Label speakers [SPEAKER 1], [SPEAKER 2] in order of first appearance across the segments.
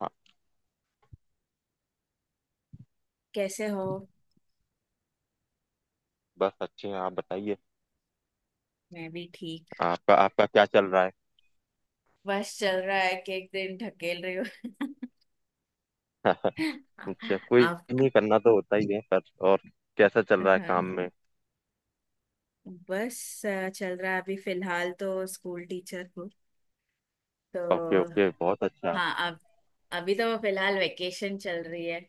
[SPEAKER 1] हाँ।
[SPEAKER 2] कैसे हो।
[SPEAKER 1] बस अच्छे हैं। आप बताइए
[SPEAKER 2] मैं भी ठीक।
[SPEAKER 1] आपका आपका क्या चल रहा है।
[SPEAKER 2] बस चल रहा है कि एक दिन ढकेल रही हूँ।
[SPEAKER 1] अच्छा। कोई
[SPEAKER 2] आप?
[SPEAKER 1] नहीं। करना तो होता ही है पर। और कैसा चल रहा है काम
[SPEAKER 2] हाँ,
[SPEAKER 1] में।
[SPEAKER 2] बस चल रहा है, अभी फिलहाल तो स्कूल टीचर हूँ
[SPEAKER 1] ओके
[SPEAKER 2] तो।
[SPEAKER 1] ओके बहुत अच्छा।
[SPEAKER 2] हाँ, अब अभी तो फिलहाल वेकेशन चल रही है।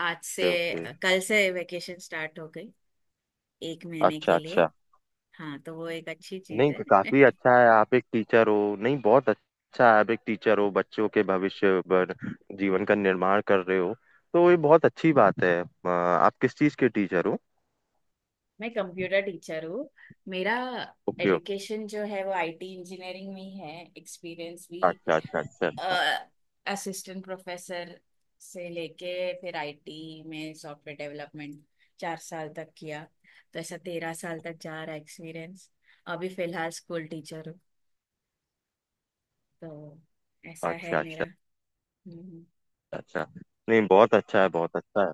[SPEAKER 2] आज से
[SPEAKER 1] ओके ओके।
[SPEAKER 2] कल से वेकेशन स्टार्ट हो गई, 1 महीने
[SPEAKER 1] अच्छा
[SPEAKER 2] के लिए।
[SPEAKER 1] अच्छा।
[SPEAKER 2] हाँ तो वो एक अच्छी चीज
[SPEAKER 1] नहीं
[SPEAKER 2] है।
[SPEAKER 1] तो काफी अच्छा है। आप एक टीचर हो। नहीं बहुत अच्छा है, आप एक टीचर हो, बच्चों के भविष्य पर जीवन का निर्माण कर रहे हो। तो ये बहुत अच्छी बात है। आप किस चीज के टीचर हो।
[SPEAKER 2] मैं कंप्यूटर टीचर हूँ। मेरा
[SPEAKER 1] ओके ओके।
[SPEAKER 2] एजुकेशन जो है वो आईटी इंजीनियरिंग में ही है, एक्सपीरियंस भी
[SPEAKER 1] अच्छा अच्छा अच्छा।
[SPEAKER 2] असिस्टेंट प्रोफेसर से लेके, फिर आईटी में सॉफ्टवेयर डेवलपमेंट 4 साल तक किया। तो ऐसा 13 साल तक जा रहा एक्सपीरियंस। अभी फिलहाल स्कूल टीचर हूँ तो। ऐसा है
[SPEAKER 1] अच्छा अच्छा
[SPEAKER 2] मेरा।
[SPEAKER 1] अच्छा।
[SPEAKER 2] हम्म।
[SPEAKER 1] अच्छा। नहीं बहुत अच्छा है, बहुत अच्छा है।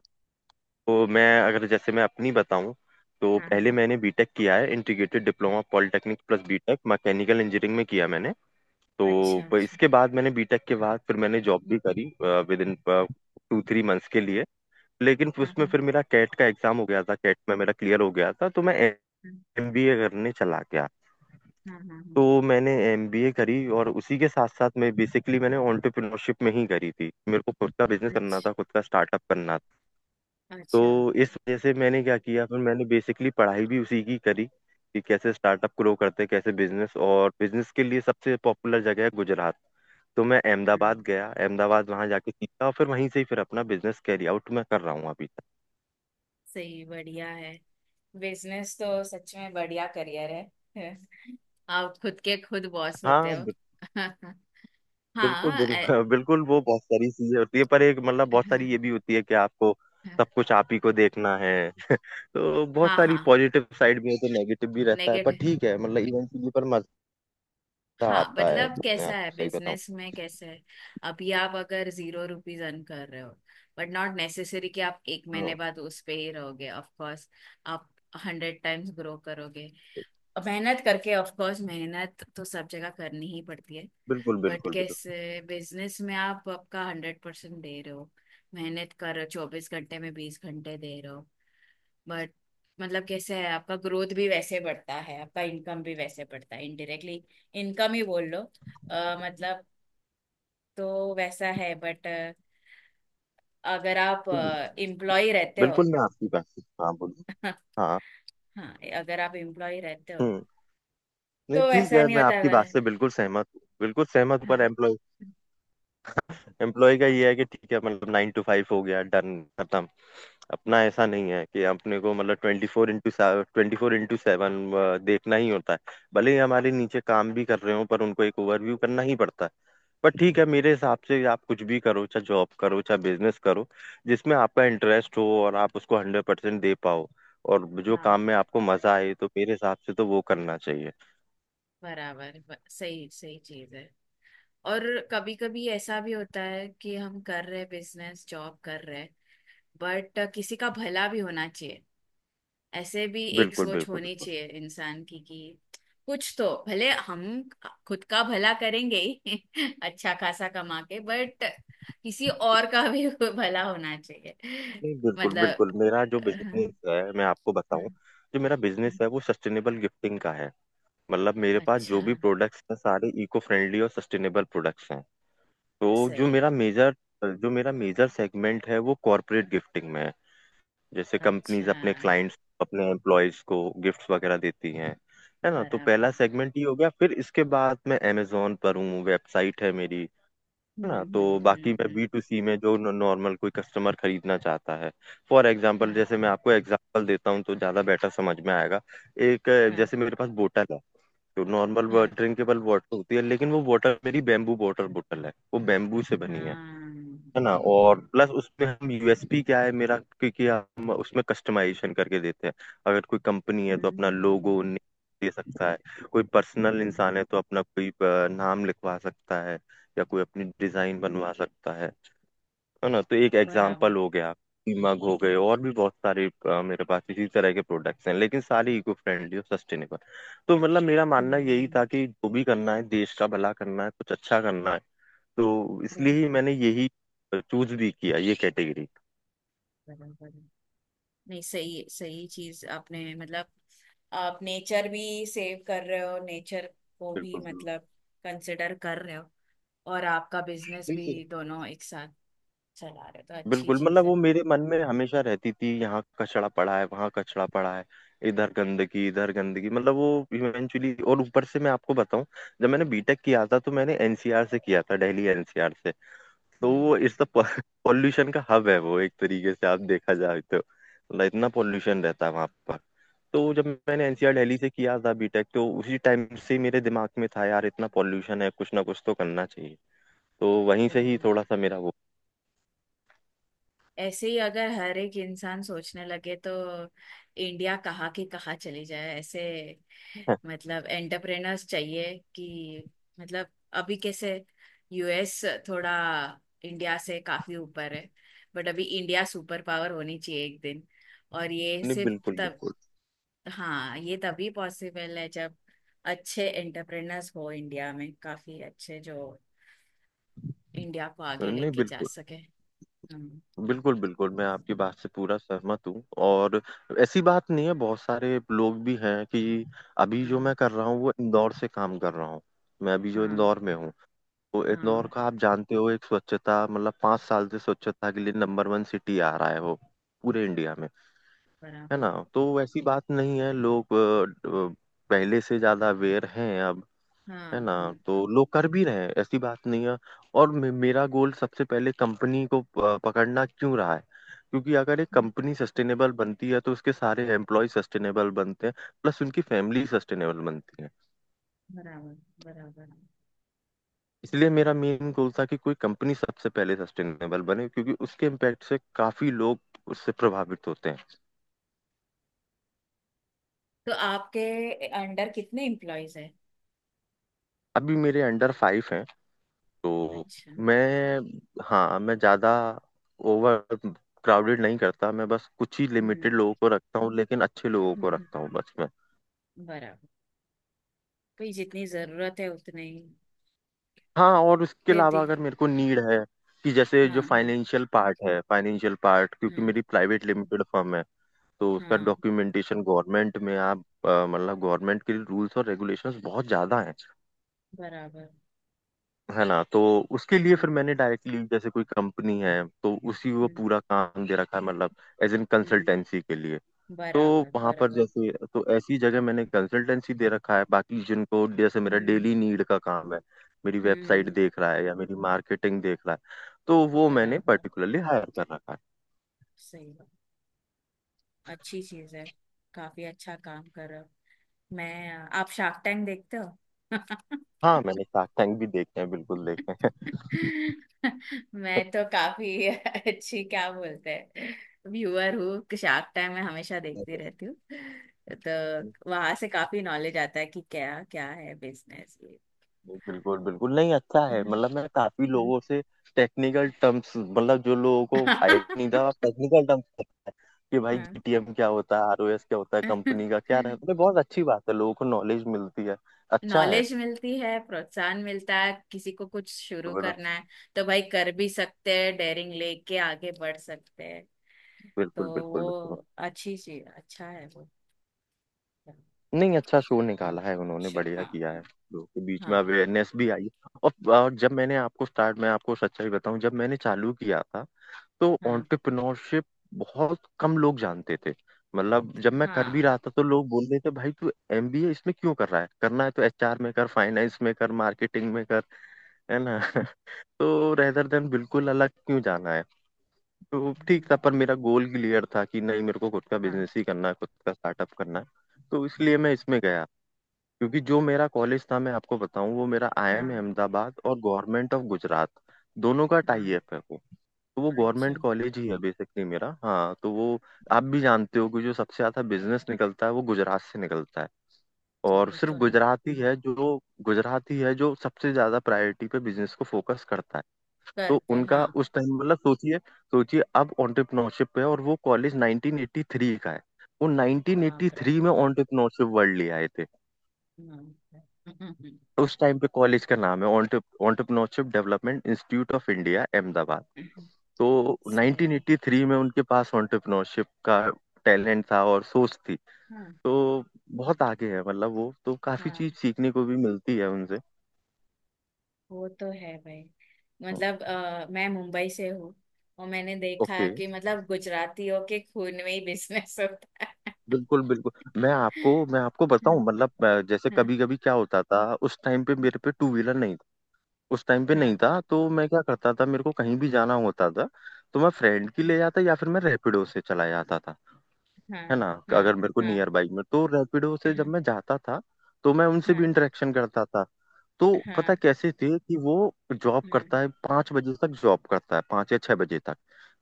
[SPEAKER 1] तो मैं, अगर जैसे मैं अपनी बताऊं, तो
[SPEAKER 2] हाँ हाँ।
[SPEAKER 1] पहले मैंने बीटेक किया है। Integrated diploma polytechnic plus B Tech mechanical engineering में किया मैंने। तो
[SPEAKER 2] अच्छा अच्छा।
[SPEAKER 1] इसके बाद मैंने, बीटेक के बाद, फिर मैंने जॉब भी करी within two three months के लिए। लेकिन फिर
[SPEAKER 2] हाँ
[SPEAKER 1] उसमें
[SPEAKER 2] हाँ
[SPEAKER 1] फिर मेरा कैट का एग्जाम हो गया था, कैट में मेरा क्लियर हो गया था, तो मैं
[SPEAKER 2] हाँ
[SPEAKER 1] एमबीए करने चला गया।
[SPEAKER 2] हाँ हाँ
[SPEAKER 1] तो
[SPEAKER 2] हाँ,
[SPEAKER 1] मैंने एमबीए करी और उसी के साथ साथ मैं, बेसिकली मैंने एंटरप्रेन्योरशिप में ही करी थी। मेरे को खुद का बिजनेस करना था,
[SPEAKER 2] अच्छा
[SPEAKER 1] खुद का स्टार्टअप करना। तो
[SPEAKER 2] अच्छा।
[SPEAKER 1] इस वजह से मैंने क्या किया, फिर मैंने बेसिकली पढ़ाई भी उसी की करी कि कैसे स्टार्टअप ग्रो करते हैं, कैसे बिजनेस। और बिजनेस के लिए सबसे पॉपुलर जगह है गुजरात। तो मैं
[SPEAKER 2] हाँ,
[SPEAKER 1] अहमदाबाद गया। अहमदाबाद वहां जाके सीखा और फिर वहीं से ही फिर अपना बिजनेस कैरी आउट मैं कर रहा हूँ अभी तक।
[SPEAKER 2] सही बढ़िया है। बिजनेस तो सच में बढ़िया करियर है। आप खुद के खुद बॉस होते
[SPEAKER 1] हाँ
[SPEAKER 2] हो।
[SPEAKER 1] बिल्कुल
[SPEAKER 2] हाँ
[SPEAKER 1] बिल्कुल। वो बहुत सारी चीजें होती है, पर एक मतलब बहुत
[SPEAKER 2] हाँ
[SPEAKER 1] सारी ये भी होती है कि आपको सब कुछ आप ही को देखना है। तो बहुत
[SPEAKER 2] हाँ
[SPEAKER 1] सारी
[SPEAKER 2] हाँ
[SPEAKER 1] पॉजिटिव साइड भी है तो नेगेटिव भी रहता है, पर
[SPEAKER 2] नेगेटिव।
[SPEAKER 1] ठीक है, मतलब इवेंचुअली पर मजा
[SPEAKER 2] हाँ,
[SPEAKER 1] आता है।
[SPEAKER 2] मतलब
[SPEAKER 1] मैं
[SPEAKER 2] कैसा है
[SPEAKER 1] आपको सही बताऊं,
[SPEAKER 2] बिजनेस में, कैसा है? अभी आप अगर जीरो रुपीज अर्न कर रहे हो, बट नॉट नेसेसरी कि आप 1 महीने बाद उस पे ही रहोगे। ऑफ कोर्स आप हंड्रेड टाइम्स ग्रो करोगे मेहनत करके। ऑफ कोर्स मेहनत तो सब जगह करनी ही पड़ती है,
[SPEAKER 1] बिल्कुल
[SPEAKER 2] बट
[SPEAKER 1] बिल्कुल बिल्कुल।
[SPEAKER 2] कैसे। बिजनेस में आप आपका हंड्रेड परसेंट दे रहे हो, मेहनत कर रहे हो, 24 घंटे में 20 घंटे दे रहे हो, बट मतलब कैसे है, आपका ग्रोथ भी वैसे बढ़ता है, आपका इनकम भी वैसे बढ़ता है, इनडायरेक्टली इनकम ही बोल लो। मतलब, तो वैसा है बट अगर आप एम्प्लॉय रहते हो।
[SPEAKER 1] बिल्कुल मैं आपकी बात से हाँ बोलूँ। हाँ।
[SPEAKER 2] हाँ, अगर आप एम्प्लॉय रहते हो
[SPEAKER 1] हम्म। नहीं
[SPEAKER 2] तो
[SPEAKER 1] ठीक
[SPEAKER 2] वैसा
[SPEAKER 1] है,
[SPEAKER 2] नहीं
[SPEAKER 1] मैं
[SPEAKER 2] होता
[SPEAKER 1] आपकी
[SPEAKER 2] है।
[SPEAKER 1] बात से बिल्कुल सहमत हूँ, बिल्कुल सहमत हूँ, पर
[SPEAKER 2] हाँ
[SPEAKER 1] एम्प्लॉय, एम्प्लॉय का ये है कि ठीक है, मतलब 9 to 5 हो गया, डन, खत्म। अपना ऐसा नहीं है। कि अपने को मतलब 24x24x7 देखना ही होता है। भले ही हमारे नीचे काम भी कर रहे हो, पर उनको एक ओवरव्यू करना ही पड़ता है। बट ठीक है, मेरे हिसाब से आप कुछ भी करो, चाहे जॉब करो चाहे बिजनेस करो, जिसमें आपका इंटरेस्ट हो और आप उसको 100% दे पाओ और जो काम
[SPEAKER 2] हाँ,
[SPEAKER 1] में आपको मजा आए, तो मेरे हिसाब से तो वो करना चाहिए।
[SPEAKER 2] बराबर। सही सही चीज है। और कभी कभी ऐसा भी होता है कि हम कर रहे बिजनेस, जॉब कर रहे, बट किसी का भला भी होना चाहिए। ऐसे भी एक
[SPEAKER 1] बिल्कुल
[SPEAKER 2] सोच
[SPEAKER 1] बिल्कुल
[SPEAKER 2] होनी
[SPEAKER 1] बिल्कुल।
[SPEAKER 2] चाहिए इंसान की कि कुछ तो भले, हम खुद का भला करेंगे ही अच्छा खासा कमा के, बट किसी और का भी भला होना चाहिए।
[SPEAKER 1] नहीं बिल्कुल
[SPEAKER 2] मतलब,
[SPEAKER 1] बिल्कुल, मेरा जो बिजनेस है मैं आपको बताऊं, जो मेरा बिजनेस है वो सस्टेनेबल गिफ्टिंग का है। मतलब मेरे पास जो
[SPEAKER 2] अच्छा।
[SPEAKER 1] भी प्रोडक्ट्स हैं सारे इको फ्रेंडली और सस्टेनेबल प्रोडक्ट्स हैं। तो जो मेरा
[SPEAKER 2] सही।
[SPEAKER 1] मेजर, जो मेरा मेजर सेगमेंट है वो कॉरपोरेट गिफ्टिंग में है। जैसे
[SPEAKER 2] अच्छा।
[SPEAKER 1] कंपनीज अपने क्लाइंट्स, अपने एम्प्लॉयज को गिफ्ट्स वगैरह देती हैं। है ना। तो
[SPEAKER 2] बराबर।
[SPEAKER 1] पहला सेगमेंट ये हो गया। फिर इसके बाद मैं अमेजोन पर हूँ, वेबसाइट है मेरी। है ना। तो बाकी मैं
[SPEAKER 2] हम्म।
[SPEAKER 1] B2C में, जो नॉर्मल कोई कस्टमर खरीदना चाहता है, फॉर एग्जांपल,
[SPEAKER 2] हाँ
[SPEAKER 1] जैसे मैं आपको एग्जांपल देता हूँ तो ज़्यादा बेटर समझ में आएगा। एक
[SPEAKER 2] हाँ
[SPEAKER 1] जैसे मेरे पास बोतल है। तो नॉर्मल
[SPEAKER 2] हाँ
[SPEAKER 1] ड्रिंकेबल वाटर होती है, लेकिन वो वाटर, मेरी बैम्बू वाटर बोतल है, वो बैम्बू से बनी है।
[SPEAKER 2] हाँ।
[SPEAKER 1] है ना। और प्लस उसमें हम, यूएसपी क्या है मेरा, क्योंकि हम उसमें कस्टमाइजेशन करके देते हैं। अगर कोई कंपनी है तो अपना
[SPEAKER 2] हम्म
[SPEAKER 1] लोगो दे सकता है। कोई पर्सनल
[SPEAKER 2] हम्म,
[SPEAKER 1] इंसान है तो अपना कोई नाम लिखवा सकता है या कोई अपनी डिजाइन बनवा सकता है। है ना। तो एक
[SPEAKER 2] बराबर।
[SPEAKER 1] एग्जाम्पल हो गया। मग हो गए, और भी बहुत सारे मेरे पास इसी तरह के प्रोडक्ट्स हैं, लेकिन सारे इको फ्रेंडली और सस्टेनेबल। तो मतलब मेरा मानना यही था
[SPEAKER 2] हम्म।
[SPEAKER 1] कि जो भी करना है देश का भला करना है, कुछ अच्छा करना है, तो इसलिए ही
[SPEAKER 2] बराबर
[SPEAKER 1] मैंने यही चूज भी किया ये कैटेगरी।
[SPEAKER 2] बराबर। नहीं सही सही चीज आपने, मतलब आप नेचर भी सेव कर रहे हो, नेचर को भी
[SPEAKER 1] बिल्कुल बिल्कुल
[SPEAKER 2] मतलब कंसिडर कर रहे हो और आपका बिजनेस भी,
[SPEAKER 1] बिल्कुल।
[SPEAKER 2] दोनों एक साथ चला रहे हो, तो अच्छी
[SPEAKER 1] बिल्कुल,
[SPEAKER 2] चीज
[SPEAKER 1] मतलब
[SPEAKER 2] है।
[SPEAKER 1] वो मेरे मन में हमेशा रहती थी, यहाँ कचड़ा पड़ा है वहाँ कचड़ा पड़ा है, इधर गंदगी इधर गंदगी, मतलब वो इवेंचुअली। और ऊपर से मैं आपको बताऊं, जब मैंने बीटेक किया था तो मैंने एनसीआर से किया था, दिल्ली एनसीआर से।
[SPEAKER 2] हम्म,
[SPEAKER 1] तो
[SPEAKER 2] हम्म।
[SPEAKER 1] वो इट्स द पॉल्यूशन का हब है वो, एक तरीके से आप देखा जाए तो मतलब इतना पॉल्यूशन रहता है वहां पर। तो जब मैंने एनसीआर दिल्ली से किया था बीटेक, तो उसी टाइम से मेरे दिमाग में था, यार इतना पॉल्यूशन है कुछ ना कुछ तो करना चाहिए। तो वहीं
[SPEAKER 2] तो
[SPEAKER 1] से ही थोड़ा सा मेरा वो।
[SPEAKER 2] ऐसे ही अगर हर एक इंसान सोचने लगे तो इंडिया कहाँ की कहाँ चली जाए ऐसे। मतलब एंटरप्रेनर्स चाहिए कि, मतलब अभी कैसे, यूएस थोड़ा इंडिया से काफी ऊपर है, बट अभी इंडिया सुपर पावर होनी चाहिए एक दिन। और ये
[SPEAKER 1] नहीं
[SPEAKER 2] सिर्फ
[SPEAKER 1] बिल्कुल
[SPEAKER 2] तब।
[SPEAKER 1] बिल्कुल।
[SPEAKER 2] हाँ, ये तभी पॉसिबल है जब अच्छे एंटरप्रेनर्स हो इंडिया में, काफी अच्छे जो इंडिया को आगे
[SPEAKER 1] नहीं
[SPEAKER 2] लेके जा
[SPEAKER 1] बिल्कुल
[SPEAKER 2] सके। हम्म,
[SPEAKER 1] बिल्कुल बिल्कुल, मैं आपकी बात से पूरा सहमत हूँ। और ऐसी बात नहीं है, बहुत सारे लोग भी हैं कि, अभी जो मैं
[SPEAKER 2] हाँ
[SPEAKER 1] कर रहा हूँ वो इंदौर से काम कर रहा हूँ। मैं अभी जो
[SPEAKER 2] हाँ
[SPEAKER 1] इंदौर में हूँ, तो
[SPEAKER 2] हाँ।
[SPEAKER 1] इंदौर का आप जानते हो, एक स्वच्छता मतलब 5 साल से स्वच्छता के लिए नंबर वन सिटी आ रहा है वो पूरे इंडिया में। है
[SPEAKER 2] बराबर।
[SPEAKER 1] ना। तो वैसी बात नहीं है, लोग पहले से ज्यादा अवेयर हैं अब। है
[SPEAKER 2] हाँ
[SPEAKER 1] ना।
[SPEAKER 2] हाँ।
[SPEAKER 1] तो लोग कर भी रहे हैं, ऐसी बात नहीं है। और मे मेरा गोल सबसे पहले कंपनी को पकड़ना क्यों रहा है, क्योंकि अगर एक कंपनी सस्टेनेबल बनती है तो उसके सारे एम्प्लॉय सस्टेनेबल बनते हैं, प्लस उनकी फैमिली सस्टेनेबल बनती है।
[SPEAKER 2] बराबर बराबर।
[SPEAKER 1] इसलिए मेरा मेन गोल था कि कोई कंपनी सबसे पहले सस्टेनेबल बने, क्योंकि उसके इम्पैक्ट से काफी लोग उससे प्रभावित होते हैं।
[SPEAKER 2] तो आपके अंडर कितने एम्प्लॉयज हैं?
[SPEAKER 1] अभी मेरे अंडर 5 हैं। तो
[SPEAKER 2] अच्छा।
[SPEAKER 1] मैं, हाँ मैं ज्यादा ओवर क्राउडेड नहीं करता, मैं बस कुछ ही
[SPEAKER 2] हम्म
[SPEAKER 1] लिमिटेड लोगों को रखता हूँ, लेकिन अच्छे लोगों को
[SPEAKER 2] हम्म,
[SPEAKER 1] रखता हूँ बस मैं।
[SPEAKER 2] बराबर। भाई जितनी जरूरत है उतने ही।
[SPEAKER 1] हाँ और उसके
[SPEAKER 2] फिर
[SPEAKER 1] अलावा
[SPEAKER 2] दी।
[SPEAKER 1] अगर मेरे को नीड है कि, जैसे जो
[SPEAKER 2] हाँ हाँ।
[SPEAKER 1] फाइनेंशियल पार्ट है, फाइनेंशियल पार्ट, क्योंकि
[SPEAKER 2] हम्म।
[SPEAKER 1] मेरी प्राइवेट लिमिटेड फर्म है, तो उसका
[SPEAKER 2] हाँ,
[SPEAKER 1] डॉक्यूमेंटेशन गवर्नमेंट में आप, मतलब गवर्नमेंट के रूल्स और रेगुलेशंस बहुत ज्यादा हैं।
[SPEAKER 2] बराबर।
[SPEAKER 1] है ना। तो उसके लिए फिर
[SPEAKER 2] हम्म
[SPEAKER 1] मैंने डायरेक्टली, जैसे कोई कंपनी है तो उसी को
[SPEAKER 2] हम्म
[SPEAKER 1] पूरा काम दे रखा है, मतलब एज इन कंसल्टेंसी
[SPEAKER 2] हम्म।
[SPEAKER 1] के लिए। तो
[SPEAKER 2] बराबर
[SPEAKER 1] वहां पर
[SPEAKER 2] बराबर।
[SPEAKER 1] जैसे, तो ऐसी जगह मैंने कंसल्टेंसी दे रखा है। बाकी जिनको, जैसे मेरा
[SPEAKER 2] हम्म
[SPEAKER 1] डेली नीड का काम है, मेरी वेबसाइट
[SPEAKER 2] हम्म।
[SPEAKER 1] देख रहा है या मेरी मार्केटिंग देख रहा है, तो वो मैंने
[SPEAKER 2] बराबर।
[SPEAKER 1] पर्टिकुलरली हायर कर रखा है।
[SPEAKER 2] सही बात। अच्छी चीज है। काफी अच्छा काम कर रहे हो। मैं आप शार्क टैंक देखते हो?
[SPEAKER 1] हाँ मैंने शार्क टैंक भी देखे हैं, बिल्कुल देखे
[SPEAKER 2] मैं तो काफी अच्छी क्या बोलते हैं, व्यूअर हूँ। शार्क टाइम में हमेशा
[SPEAKER 1] हैं।
[SPEAKER 2] देखती रहती हूँ। तो वहां से काफी नॉलेज आता है कि क्या क्या है बिजनेस।
[SPEAKER 1] बिल्कुल बिल्कुल। नहीं अच्छा है,
[SPEAKER 2] ये
[SPEAKER 1] मतलब मैं काफी लोगों से टेक्निकल टर्म्स, मतलब जो लोगों को आईडिया नहीं था टेक्निकल टर्म्स, कि भाई जीटीएम क्या होता है, आरओएस क्या होता है, कंपनी का क्या रहता है, बहुत अच्छी बात है, लोगों को नॉलेज मिलती है, अच्छा है।
[SPEAKER 2] नॉलेज मिलती है, प्रोत्साहन मिलता है। किसी को कुछ शुरू करना है तो भाई कर भी सकते हैं, डेयरिंग लेके आगे बढ़ सकते हैं। तो
[SPEAKER 1] बिल्कुल बिल्कुल बिल्कुल।
[SPEAKER 2] वो अच्छी चीज, अच्छा है वो।
[SPEAKER 1] नहीं अच्छा शो
[SPEAKER 2] हाँ,
[SPEAKER 1] निकाला है उन्होंने,
[SPEAKER 2] चल
[SPEAKER 1] बढ़िया
[SPEAKER 2] हाँ।
[SPEAKER 1] किया है, लोगों के बीच में
[SPEAKER 2] हाँ
[SPEAKER 1] अवेयरनेस भी आई। और जब मैंने आपको स्टार्ट, मैं आपको सच्चाई बताऊं जब मैंने चालू किया था, तो
[SPEAKER 2] हाँ
[SPEAKER 1] एंटरप्रेन्योरशिप बहुत कम लोग जानते थे। मतलब जब मैं कर
[SPEAKER 2] हाँ
[SPEAKER 1] भी
[SPEAKER 2] हाँ
[SPEAKER 1] रहा था तो लोग बोल रहे थे, भाई तू एमबीए इसमें क्यों कर रहा है, करना है तो एचआर में कर, फाइनेंस में कर, मार्केटिंग में कर। है ना। तो रेदर देन, बिल्कुल अलग क्यों जाना है। तो ठीक था,
[SPEAKER 2] हम्म,
[SPEAKER 1] पर मेरा गोल क्लियर था कि नहीं, मेरे को खुद का
[SPEAKER 2] हाँ हाँ
[SPEAKER 1] बिजनेस ही करना है, खुद का स्टार्टअप करना है, तो इसलिए मैं इसमें गया। क्योंकि जो मेरा कॉलेज था मैं आपको बताऊं, वो मेरा आईआईएम
[SPEAKER 2] हाँ
[SPEAKER 1] अहमदाबाद और गवर्नमेंट ऑफ गुजरात दोनों का टाई
[SPEAKER 2] हाँ,
[SPEAKER 1] अप है वो। तो वो
[SPEAKER 2] अच्छा।
[SPEAKER 1] गवर्नमेंट कॉलेज ही है बेसिकली मेरा। हाँ तो वो, आप भी जानते हो कि जो सबसे ज्यादा बिजनेस निकलता है वो गुजरात से निकलता है।
[SPEAKER 2] जी,
[SPEAKER 1] और
[SPEAKER 2] वो
[SPEAKER 1] सिर्फ
[SPEAKER 2] तो है।
[SPEAKER 1] गुजरात ही है जो, गुजरात ही है जो सबसे ज्यादा प्रायोरिटी पे बिजनेस को फोकस करता है। तो
[SPEAKER 2] करते हैं,
[SPEAKER 1] उनका
[SPEAKER 2] हाँ।
[SPEAKER 1] उस टाइम, मतलब सोचिए सोचिए, अब एंटरप्रेन्योरशिप पे है और वो कॉलेज 1983 का है। वो
[SPEAKER 2] बाप रे।
[SPEAKER 1] 1983 में एंटरप्रेन्योरशिप वर्ल्ड ले आए थे।
[SPEAKER 2] हाँ, हम्म,
[SPEAKER 1] उस टाइम पे कॉलेज का नाम है, entrepreneurship development institute of India Ahmedabad. तो
[SPEAKER 2] सही।
[SPEAKER 1] 1983 में उनके पास एंटरप्रेन्योरशिप का टैलेंट था और सोच थी।
[SPEAKER 2] हाँ
[SPEAKER 1] तो बहुत आगे है मतलब, वो तो काफी चीज
[SPEAKER 2] हाँ,
[SPEAKER 1] सीखने को भी मिलती है उनसे।
[SPEAKER 2] वो तो है भाई। मतलब मैं मुंबई से हूँ और मैंने देखा
[SPEAKER 1] ओके
[SPEAKER 2] कि मतलब गुजरातियों के खून में ही बिजनेस होता है।
[SPEAKER 1] बिल्कुल बिल्कुल। मैं आपको, मैं आपको बताऊं
[SPEAKER 2] हाँ
[SPEAKER 1] मतलब, जैसे
[SPEAKER 2] हाँ
[SPEAKER 1] कभी कभी क्या होता था, उस टाइम पे मेरे पे टू व्हीलर नहीं था, उस टाइम पे
[SPEAKER 2] हाँ
[SPEAKER 1] नहीं था, तो मैं क्या करता था, मेरे को कहीं भी जाना होता था तो मैं फ्रेंड की ले जाता या फिर मैं रैपिडो से चला जाता था।
[SPEAKER 2] हाँ
[SPEAKER 1] है ना।
[SPEAKER 2] हाँ हाँ
[SPEAKER 1] अगर मेरे को
[SPEAKER 2] हाँ
[SPEAKER 1] नियर बाई में, तो रैपिडो से जब
[SPEAKER 2] हाँ
[SPEAKER 1] मैं जाता था तो मैं उनसे भी
[SPEAKER 2] हाँ,
[SPEAKER 1] इंटरेक्शन करता था। तो पता
[SPEAKER 2] हाँ
[SPEAKER 1] कैसे थे कि वो जॉब
[SPEAKER 2] हाँ
[SPEAKER 1] करता है 5 बजे तक, जॉब करता है 5 या 6 बजे तक।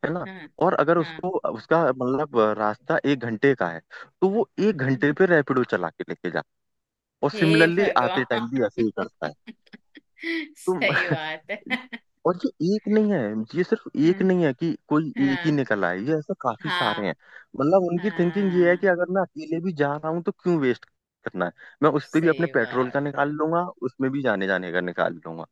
[SPEAKER 1] है ना।
[SPEAKER 2] हाँ
[SPEAKER 1] और अगर
[SPEAKER 2] हाँ।
[SPEAKER 1] उसको उसका मतलब रास्ता 1 घंटे का है, तो वो 1 घंटे पे रैपिडो चला के लेके जा। और
[SPEAKER 2] हे
[SPEAKER 1] सिमिलरली आते टाइम भी
[SPEAKER 2] भगवान
[SPEAKER 1] ऐसे ही करता है। तो
[SPEAKER 2] सही बात है।
[SPEAKER 1] और ये एक नहीं है, ये सिर्फ
[SPEAKER 2] हाँ
[SPEAKER 1] एक नहीं है कि कोई एक ही
[SPEAKER 2] हाँ
[SPEAKER 1] निकल आए ये ऐसे काफी सारे
[SPEAKER 2] हाँ
[SPEAKER 1] हैं। मतलब उनकी थिंकिंग ये है कि
[SPEAKER 2] हाँ,
[SPEAKER 1] अगर मैं अकेले भी जा रहा हूँ तो क्यों वेस्ट करना है। मैं उस पे भी अपने
[SPEAKER 2] सही
[SPEAKER 1] पेट्रोल का
[SPEAKER 2] बात है।
[SPEAKER 1] निकाल लूंगा, उसमें भी जाने जाने का निकाल लूंगा।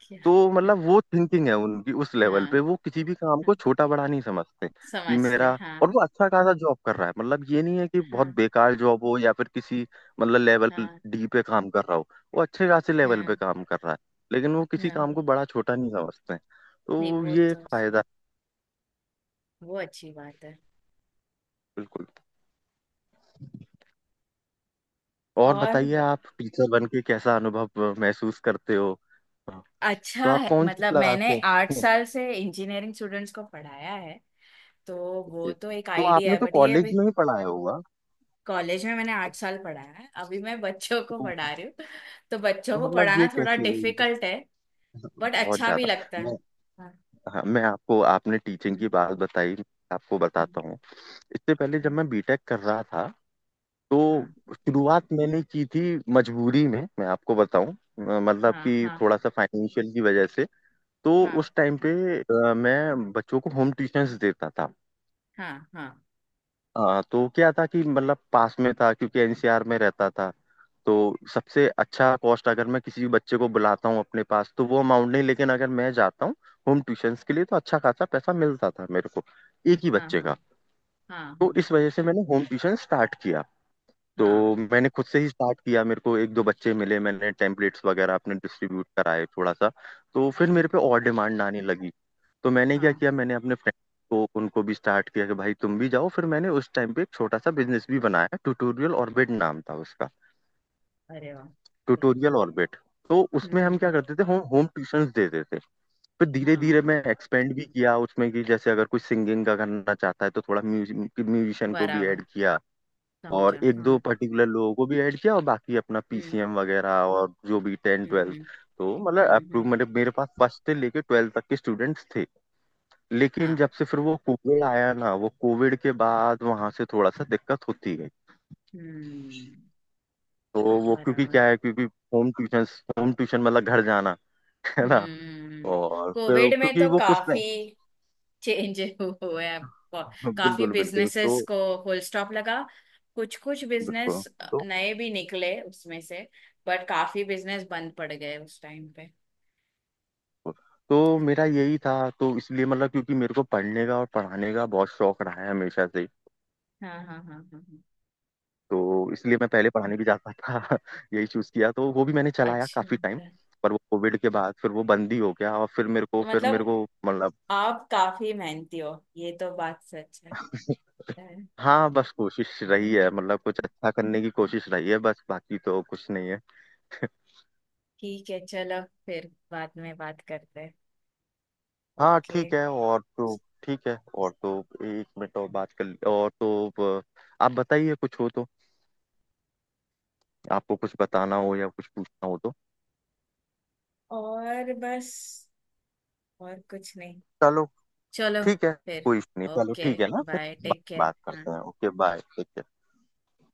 [SPEAKER 2] क्या।
[SPEAKER 1] तो मतलब वो थिंकिंग है उनकी, उस लेवल पे
[SPEAKER 2] हाँ
[SPEAKER 1] वो किसी भी काम को
[SPEAKER 2] हाँ,
[SPEAKER 1] छोटा बड़ा नहीं समझते कि
[SPEAKER 2] समझते
[SPEAKER 1] मेरा।
[SPEAKER 2] हैं,
[SPEAKER 1] और
[SPEAKER 2] हाँ।
[SPEAKER 1] वो अच्छा खासा जॉब कर रहा है, मतलब ये नहीं है कि बहुत
[SPEAKER 2] हाँ
[SPEAKER 1] बेकार जॉब हो या फिर किसी मतलब लेवल
[SPEAKER 2] हाँ
[SPEAKER 1] डी पे काम कर रहा हो। वो अच्छे खासे लेवल पे
[SPEAKER 2] हाँ
[SPEAKER 1] काम कर रहा है। लेकिन वो किसी काम
[SPEAKER 2] हाँ।
[SPEAKER 1] को बड़ा छोटा नहीं समझते,
[SPEAKER 2] नहीं
[SPEAKER 1] तो
[SPEAKER 2] वो
[SPEAKER 1] ये एक
[SPEAKER 2] तो सही,
[SPEAKER 1] फायदा है।
[SPEAKER 2] वो अच्छी बात है।
[SPEAKER 1] बिल्कुल। और
[SPEAKER 2] और
[SPEAKER 1] बताइए, आप टीचर बन के कैसा अनुभव महसूस करते हो? तो
[SPEAKER 2] अच्छा
[SPEAKER 1] आप
[SPEAKER 2] है।
[SPEAKER 1] कौन सी
[SPEAKER 2] मतलब
[SPEAKER 1] क्लास
[SPEAKER 2] मैंने
[SPEAKER 1] में
[SPEAKER 2] 8 साल से इंजीनियरिंग स्टूडेंट्स को पढ़ाया है। तो वो तो एक
[SPEAKER 1] तो
[SPEAKER 2] आइडिया
[SPEAKER 1] आपने
[SPEAKER 2] है
[SPEAKER 1] तो
[SPEAKER 2] बट ये अभी।
[SPEAKER 1] कॉलेज में ही पढ़ाया होगा।
[SPEAKER 2] कॉलेज में मैंने 8 साल पढ़ाया है, अभी मैं बच्चों को
[SPEAKER 1] तो,
[SPEAKER 2] पढ़ा रही हूँ। तो बच्चों
[SPEAKER 1] तो
[SPEAKER 2] को
[SPEAKER 1] मतलब ये
[SPEAKER 2] पढ़ाना थोड़ा
[SPEAKER 1] कैसे?
[SPEAKER 2] डिफिकल्ट है, बट
[SPEAKER 1] बहुत
[SPEAKER 2] अच्छा भी
[SPEAKER 1] ज्यादा।
[SPEAKER 2] लगता
[SPEAKER 1] मैं।
[SPEAKER 2] है। हाँ,
[SPEAKER 1] हाँ, मैं आपको, आपने टीचिंग
[SPEAKER 2] हम्म,
[SPEAKER 1] की बात बताई, आपको
[SPEAKER 2] हम्म,
[SPEAKER 1] बताता हूँ। इससे पहले जब मैं बीटेक कर रहा था तो
[SPEAKER 2] हाँ
[SPEAKER 1] शुरुआत मैंने की थी। मजबूरी में, मैं आपको बताऊं, मतलब
[SPEAKER 2] हाँ
[SPEAKER 1] कि थोड़ा सा फाइनेंशियल की वजह से। तो
[SPEAKER 2] हाँ
[SPEAKER 1] उस टाइम पे मैं बच्चों को होम ट्यूशंस देता था।
[SPEAKER 2] हाँ हाँ
[SPEAKER 1] हाँ, तो क्या था कि मतलब पास में था क्योंकि एनसीआर में रहता था। तो सबसे अच्छा कॉस्ट, अगर मैं किसी भी बच्चे को बुलाता हूँ अपने पास तो वो अमाउंट नहीं, लेकिन अगर मैं जाता हूँ होम ट्यूशंस के लिए तो अच्छा खासा पैसा मिलता था मेरे को, एक ही
[SPEAKER 2] हाँ
[SPEAKER 1] बच्चे
[SPEAKER 2] हाँ
[SPEAKER 1] का।
[SPEAKER 2] हाँ हाँ
[SPEAKER 1] तो
[SPEAKER 2] हाँ
[SPEAKER 1] इस वजह से मैंने होम ट्यूशन स्टार्ट किया। तो
[SPEAKER 2] हाँ
[SPEAKER 1] मैंने खुद से ही स्टार्ट किया, मेरे को एक दो बच्चे मिले, मैंने टेम्पलेट्स वगैरह अपने डिस्ट्रीब्यूट कराए थोड़ा सा। तो फिर
[SPEAKER 2] हाँ,
[SPEAKER 1] मेरे पे और डिमांड आने लगी। तो मैंने क्या
[SPEAKER 2] हाँ,
[SPEAKER 1] किया, मैंने अपने फ्रेंड को, उनको भी स्टार्ट किया कि भाई तुम भी जाओ। फिर मैंने उस टाइम पे एक छोटा सा बिजनेस भी बनाया, ट्यूटोरियल ऑर्बिट नाम था उसका।
[SPEAKER 2] अरे वाह सही है।
[SPEAKER 1] Tutorial orbit. तो
[SPEAKER 2] हम्म
[SPEAKER 1] उसमें
[SPEAKER 2] हम्म
[SPEAKER 1] हम क्या
[SPEAKER 2] हम्म,
[SPEAKER 1] करते थे, होम होम ट्यूशंस देते थे। फिर
[SPEAKER 2] हाँ
[SPEAKER 1] धीरे धीरे
[SPEAKER 2] हाँ,
[SPEAKER 1] मैं एक्सपेंड भी किया उसमें, कि जैसे अगर कोई सिंगिंग का करना चाहता है तो थोड़ा म्यूजिशियन को भी
[SPEAKER 2] बराबर
[SPEAKER 1] ऐड किया। और
[SPEAKER 2] समझा
[SPEAKER 1] एक दो
[SPEAKER 2] हाँ।
[SPEAKER 1] पर्टिकुलर लोगों को भी ऐड किया, और बाकी अपना
[SPEAKER 2] हम्म
[SPEAKER 1] पीसीएम वगैरह और जो भी टेन
[SPEAKER 2] हम्म
[SPEAKER 1] ट्वेल्थ।
[SPEAKER 2] हम्म
[SPEAKER 1] तो मतलब
[SPEAKER 2] हम्म
[SPEAKER 1] अप्रूव
[SPEAKER 2] हम्म,
[SPEAKER 1] मेरे मेरे पास फर्स्ट से लेके ट्वेल्थ तक के स्टूडेंट्स थे। लेकिन
[SPEAKER 2] हाँ।
[SPEAKER 1] जब से फिर वो कोविड आया ना, वो कोविड के बाद वहां से थोड़ा सा दिक्कत होती गई।
[SPEAKER 2] हम्म,
[SPEAKER 1] तो वो क्योंकि
[SPEAKER 2] बराबर।
[SPEAKER 1] क्या है, क्योंकि होम ट्यूशन, होम ट्यूशन मतलब घर जाना है ना?
[SPEAKER 2] हम्म।
[SPEAKER 1] और फिर
[SPEAKER 2] कोविड में
[SPEAKER 1] क्योंकि
[SPEAKER 2] तो
[SPEAKER 1] वो कुछ नहीं।
[SPEAKER 2] काफी चेंज हुए हैं। काफी
[SPEAKER 1] बिल्कुल बिल्कुल,
[SPEAKER 2] बिजनेसेस को फुल स्टॉप लगा। कुछ कुछ
[SPEAKER 1] बिल्कुल
[SPEAKER 2] बिजनेस
[SPEAKER 1] तो
[SPEAKER 2] नए भी निकले उसमें से, बट काफी बिजनेस बंद पड़ गए उस टाइम पे।
[SPEAKER 1] तो मेरा यही था। तो इसलिए, मतलब क्योंकि मेरे को पढ़ने का और पढ़ाने का बहुत शौक रहा है हमेशा से।
[SPEAKER 2] हाँ हाँ हाँ हाँ हाँ।
[SPEAKER 1] तो इसलिए मैं पहले पढ़ाने भी जाता था यही चूज किया, तो वो भी मैंने चलाया
[SPEAKER 2] अच्छी
[SPEAKER 1] काफी
[SPEAKER 2] बात
[SPEAKER 1] टाइम।
[SPEAKER 2] है।
[SPEAKER 1] पर वो कोविड के बाद फिर वो बंद ही हो गया। और फिर मेरे को
[SPEAKER 2] तो
[SPEAKER 1] फिर मेरे
[SPEAKER 2] मतलब
[SPEAKER 1] को मतलब।
[SPEAKER 2] आप काफी मेहनती हो। ये तो बात सच है।
[SPEAKER 1] हाँ बस कोशिश रही है, मतलब कुछ अच्छा करने की कोशिश रही है बस, बाकी तो कुछ नहीं है।
[SPEAKER 2] ठीक है, चलो फिर बाद में बात करते हैं।
[SPEAKER 1] हाँ
[SPEAKER 2] ओके।
[SPEAKER 1] ठीक है और तो एक मिनट और बात कर ली, और तो आप बताइए, कुछ हो तो। आपको कुछ बताना हो या कुछ पूछना हो तो।
[SPEAKER 2] और बस, और कुछ नहीं।
[SPEAKER 1] चलो
[SPEAKER 2] चलो
[SPEAKER 1] ठीक है,
[SPEAKER 2] फिर।
[SPEAKER 1] कोई इशू नहीं, चलो
[SPEAKER 2] ओके,
[SPEAKER 1] ठीक है ना फिर।
[SPEAKER 2] बाय, टेक केयर,
[SPEAKER 1] बात
[SPEAKER 2] हाँ।
[SPEAKER 1] करते हैं, ओके बाय, ठीक है।